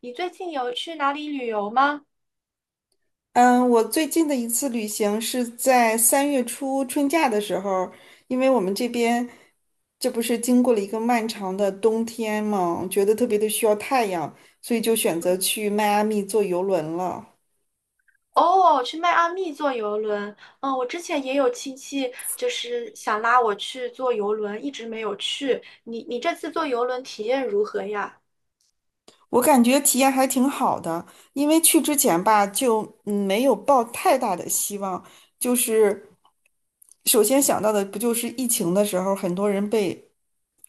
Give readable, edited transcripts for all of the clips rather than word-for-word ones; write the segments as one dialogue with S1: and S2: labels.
S1: 你最近有去哪里旅游吗？
S2: 嗯，我最近的一次旅行是在三月初春假的时候，因为我们这边这不是经过了一个漫长的冬天嘛，觉得特别的需要太阳，所以就选择
S1: 嗯，
S2: 去迈阿密坐游轮了。
S1: 哦，去迈阿密坐游轮。嗯，我之前也有亲戚就是想拉我去坐游轮，一直没有去。你这次坐游轮体验如何呀？
S2: 我感觉体验还挺好的，因为去之前吧，就没有抱太大的希望，就是首先想到的不就是疫情的时候，很多人被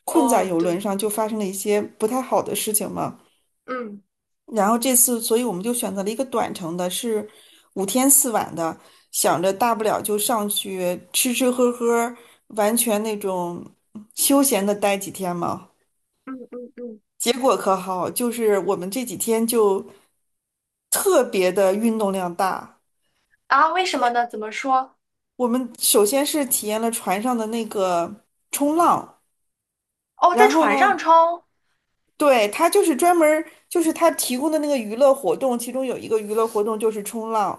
S2: 困在
S1: 哦，
S2: 游轮
S1: 对，
S2: 上，就发生了一些不太好的事情嘛。
S1: 嗯
S2: 然后这次，所以我们就选择了一个短程的，是五天四晚的，想着大不了就上去吃吃喝喝，完全那种休闲的待几天嘛。
S1: 嗯嗯嗯，
S2: 结果可好，就是我们这几天就特别的运动量大。
S1: 啊，为什么呢？怎么说？
S2: 我们首先是体验了船上的那个冲浪，
S1: 哦，在
S2: 然后
S1: 船上
S2: 呢，
S1: 冲，
S2: 对，他就是专门儿就是他提供的那个娱乐活动，其中有一个娱乐活动就是冲浪，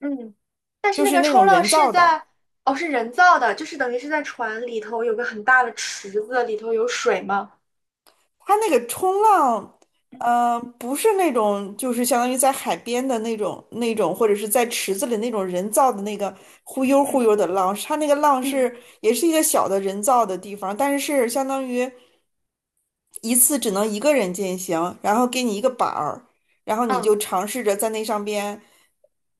S1: 嗯，但是
S2: 就
S1: 那
S2: 是
S1: 个
S2: 那种
S1: 冲浪
S2: 人
S1: 是
S2: 造的。
S1: 在，哦，是人造的，就是等于是在船里头有个很大的池子，里头有水吗？
S2: 它那个冲浪，
S1: 嗯
S2: 不是那种就是相当于在海边的那种，或者是在池子里那种人造的那个忽悠忽
S1: 嗯
S2: 悠的浪，它那个浪
S1: 嗯
S2: 是也是一个小的人造的地方，但是是相当于一次只能一个人进行，然后给你一个板儿，然后你就尝试着在那上边，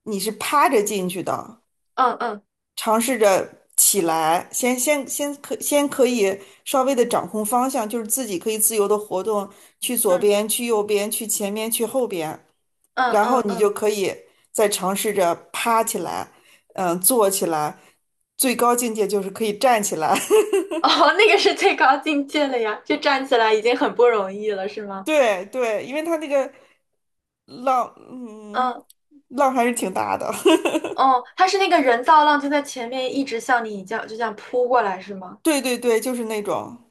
S2: 你是趴着进去的。
S1: 嗯嗯嗯。
S2: 尝试着起来，先可以稍微的掌控方向，就是自己可以自由的活动，去左
S1: 嗯
S2: 边，去右边，去前面，去后边，
S1: 嗯
S2: 然
S1: 嗯
S2: 后你就
S1: 嗯，
S2: 可以再尝试着趴起来，嗯，坐起来，最高境界就是可以站起来。
S1: 哦，那个是最高境界了呀，就站起来已经很不容易了，是 吗？
S2: 对对，因为它那个浪，嗯，
S1: 嗯，
S2: 浪还是挺大的。
S1: 哦，他是那个人造浪就在前面一直向你这样就这样扑过来，是吗？
S2: 对对对，就是那种，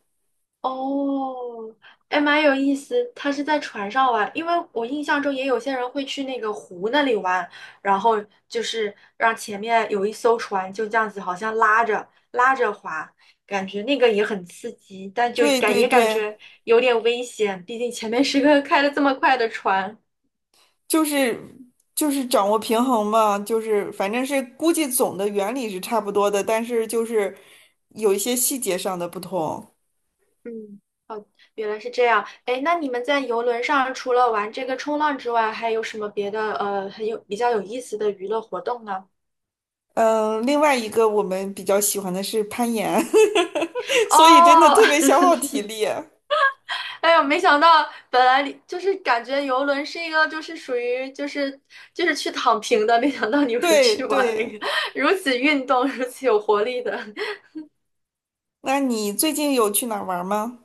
S1: 哦，哎，蛮有意思。他是在船上玩，因为我印象中也有些人会去那个湖那里玩，然后就是让前面有一艘船就这样子，好像拉着拉着滑，感觉那个也很刺激，但
S2: 对对
S1: 也感觉
S2: 对。
S1: 有点危险，毕竟前面是个 开的这么快的船。
S2: 就是就是掌握平衡嘛，就是反正是估计总的原理是差不多的，但是就是有一些细节上的不同。
S1: 嗯，原来是这样。哎，那你们在游轮上除了玩这个冲浪之外，还有什么别的比较有意思的娱乐活动呢？
S2: 嗯，另外一个我们比较喜欢的是攀岩，所以真的
S1: 哦，
S2: 特别 消耗体力。
S1: 哎呦，没想到，本来你就是感觉游轮是一个就是属于就是去躺平的，没想到你们
S2: 对
S1: 去玩了
S2: 对，
S1: 一个如此运动、如此有活力的。
S2: 那你最近有去哪儿玩儿吗？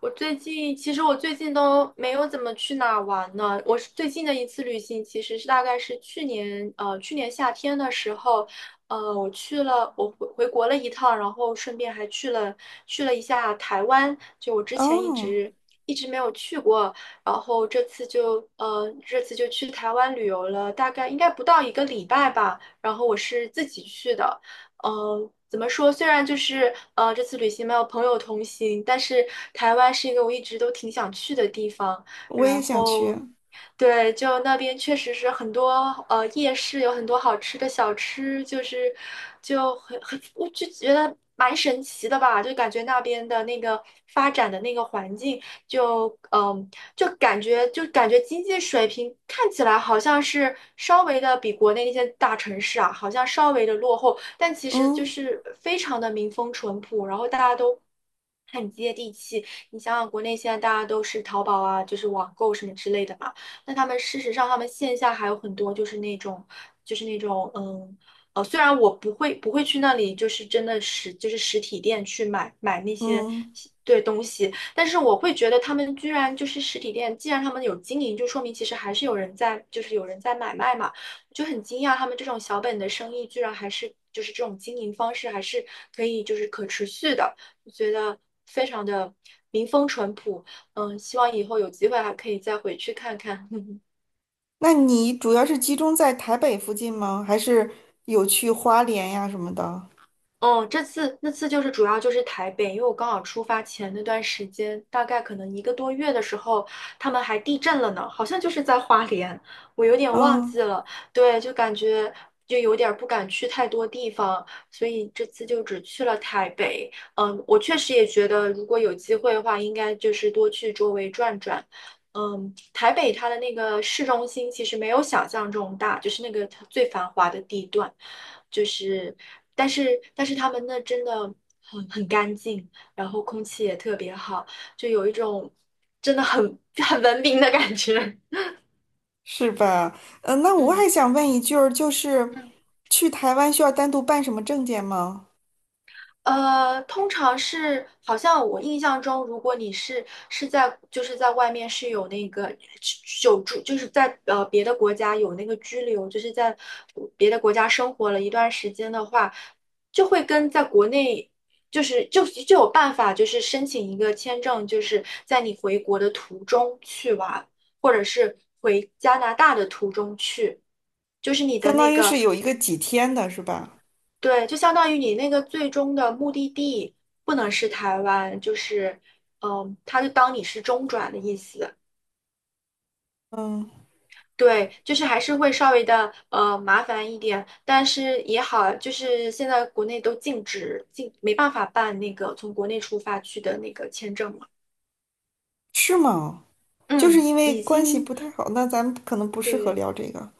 S1: 我最近其实我最近都没有怎么去哪儿玩呢。我是最近的一次旅行，其实是大概是去年去年夏天的时候，我去了我回国了一趟，然后顺便还去了一下台湾，就我之前一
S2: 哦，
S1: 直一直没有去过，然后这次就去台湾旅游了，大概应该不到一个礼拜吧。然后我是自己去的，怎么说？虽然就是这次旅行没有朋友同行，但是台湾是一个我一直都挺想去的地方。
S2: 我也
S1: 然
S2: 想去。
S1: 后，对，就那边确实是夜市有很多好吃的小吃，就是就很我就觉得蛮神奇的吧，就感觉那边的那个发展的那个环境就感觉经济水平看起来好像是稍微的比国内那些大城市啊，好像稍微的落后，但其实就
S2: 嗯
S1: 是非常的民风淳朴，然后大家都，很接地气，你想想，国内现在大家都是淘宝啊，就是网购什么之类的嘛。那他们事实上，他们线下还有很多就是那种，就是那种，虽然我不会去那里，就是真的就是实体店去买那些
S2: 嗯，
S1: 对东西，但是我会觉得他们居然就是实体店，既然他们有经营，就说明其实还是有人在，就是有人在买卖嘛，我就很惊讶他们这种小本的生意居然还是就是这种经营方式还是可以就是可持续的，我觉得非常的民风淳朴。嗯，希望以后有机会还可以再回去看看。
S2: 那你主要是集中在台北附近吗？还是有去花莲呀什么的？
S1: 嗯，那次就是主要就是台北，因为我刚好出发前那段时间，大概可能一个多月的时候，他们还地震了呢，好像就是在花莲，我有点忘
S2: 嗯。
S1: 记了。对，就感觉就有点儿不敢去太多地方，所以这次就只去了台北。嗯，我确实也觉得，如果有机会的话，应该就是多去周围转转。嗯，台北它的那个市中心其实没有想象中大，就是那个它最繁华的地段，就是，但是他们那真的很干净，然后空气也特别好，就有一种真的很 很文明的感觉。
S2: 是吧？嗯，那 我
S1: 嗯
S2: 还想问一句儿，就是去台湾需要单独办什么证件吗？
S1: 呃，通常是好像我印象中，如果你是在就是在外面是有那个久住，就是在别的国家有那个居留，就是在别的国家生活了一段时间的话，就会跟在国内就是就有办法，就是申请一个签证，就是在你回国的途中去玩，或者是回加拿大的途中去，就是你的
S2: 相
S1: 那
S2: 当于是
S1: 个
S2: 有一个几天的，是吧？
S1: 对，就相当于你那个最终的目的地不能是台湾，就是，嗯，他就当你是中转的意思。
S2: 嗯，
S1: 对，就是还是会稍微的麻烦一点，但是也好，就是现在国内都禁止，没办法办那个从国内出发去的那个签证嘛。
S2: 是吗？就是
S1: 嗯，
S2: 因为
S1: 已
S2: 关系
S1: 经
S2: 不太好，那咱们可能不适合
S1: 对，
S2: 聊这个。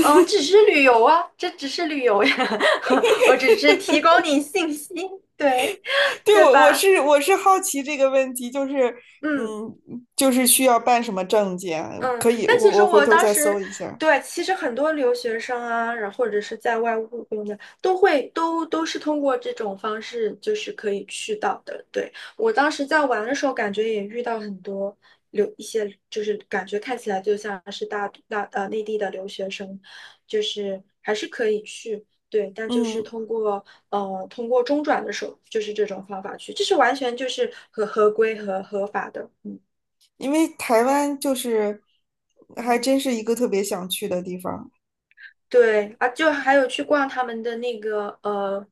S1: 只是旅游啊，这只是旅游呀，我只是提供你信息，对，
S2: 对，
S1: 对
S2: 我我
S1: 吧？
S2: 是我是好奇这个问题，就是
S1: 嗯。
S2: 嗯，就是需要办什么证件？
S1: 嗯，
S2: 可以，
S1: 但
S2: 我
S1: 其实
S2: 我回
S1: 我
S2: 头儿
S1: 当
S2: 再搜
S1: 时，
S2: 一下。
S1: 对，其实很多留学生啊，然后或者是在外务工的，都会都是通过这种方式，就是可以去到的。对，我当时在玩的时候，感觉也遇到很多一些，就是感觉看起来就像是大大呃内地的留学生，就是还是可以去，对，但就是
S2: 嗯，
S1: 通过中转的手，就是这种方法去，这是完全就是合规和合法的，嗯
S2: 因为台湾就是还
S1: 嗯。
S2: 真是一个特别想去的地方。
S1: 对啊，就还有去逛他们的那个呃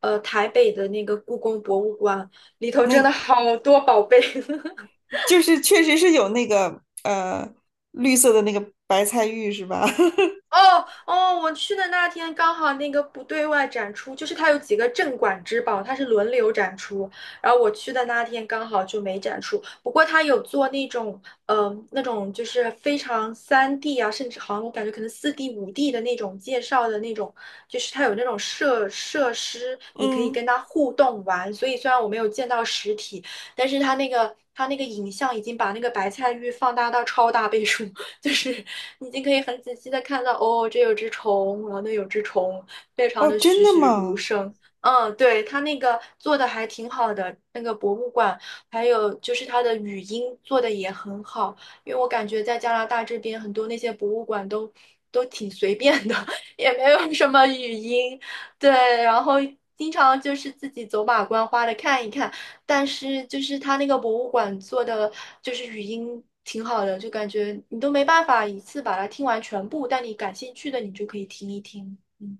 S1: 呃台北的那个故宫博物馆，里头真的
S2: 那
S1: 好多宝贝。
S2: 就是确实是有那个绿色的那个白菜玉是吧？
S1: 哦哦，我去的那天刚好那个不对外展出，就是它有几个镇馆之宝，它是轮流展出。然后我去的那天刚好就没展出，不过它有做那种，那种就是非常3D 啊，甚至好像我感觉可能4D 5D 的那种介绍的那种，就是它有那种设施，你可以
S2: 嗯，
S1: 跟它互动玩。所以虽然我没有见到实体，但是它那个影像已经把那个白菜玉放大到超大倍数。就是你已经可以很仔细的看到，哦，这有只虫，然后那有只虫，非常
S2: 哦，
S1: 的
S2: 真
S1: 栩
S2: 的
S1: 栩如
S2: 吗？
S1: 生。嗯，对，他那个做的还挺好的，那个博物馆，还有就是他的语音做的也很好，因为我感觉在加拿大这边很多那些博物馆都挺随便的，也没有什么语音，对，然后经常就是自己走马观花的看一看。但是就是他那个博物馆做的，就是语音挺好的，就感觉你都没办法一次把它听完全部，但你感兴趣的你就可以听一听。嗯，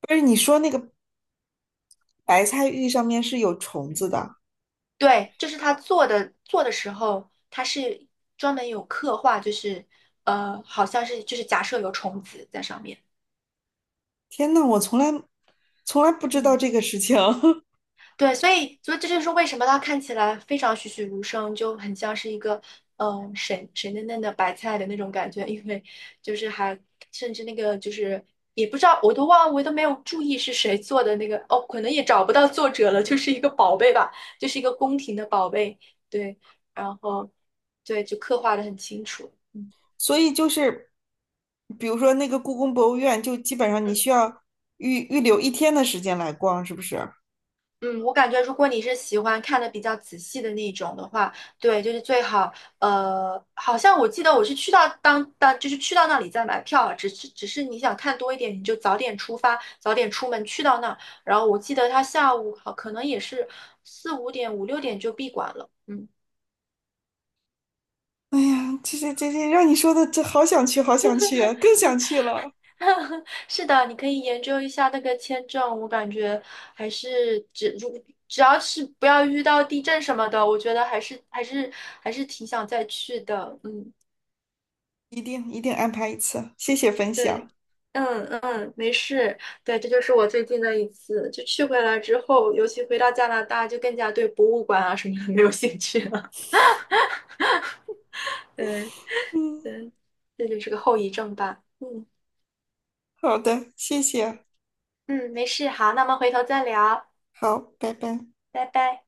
S2: 不是你说那个白菜玉上面是有虫子的？
S1: 对，就是他做的，做的时候他是专门有刻画，就是好像是就是假设有虫子在上面。
S2: 天呐，我从来不知道
S1: 嗯
S2: 这个事情，
S1: 对，所以这就是为什么它看起来非常栩栩如生，就很像是一个水水嫩嫩的白菜的那种感觉，因为就是还甚至那个就是也不知道，我都忘了，我都没有注意是谁做的那个哦，可能也找不到作者了，就是一个宝贝吧，就是一个宫廷的宝贝，对，然后对就刻画的很清楚，嗯
S2: 所以就是比如说那个故宫博物院，就基本上你
S1: 嗯。
S2: 需要预留一天的时间来逛，是不是？
S1: 嗯，我感觉如果你是喜欢看的比较仔细的那种的话，对，就是最好，好像我记得我是去到当当，就是去到那里再买票啊，只是你想看多一点，你就早点出发，早点出门去到那儿。然后我记得他下午好可能也是四五点、五六点就闭馆了。嗯，
S2: 哎呀，这这这这，让你说的这好想去，好想去啊更想去了，
S1: 是的，你可以研究一下那个签证，我感觉还是只要是不要遇到地震什么的，我觉得还是挺想再去的。嗯。
S2: 一定一定安排一次，谢谢分
S1: 对，
S2: 享。
S1: 嗯嗯，没事。对，这就是我最近的一次，就去回来之后，尤其回到加拿大，就更加对博物馆啊什么的 没有兴趣了。对对，这就是个后遗症吧。嗯
S2: 好的，谢谢。
S1: 嗯，没事。好，那我们回头再聊，
S2: 好，拜拜。
S1: 拜拜。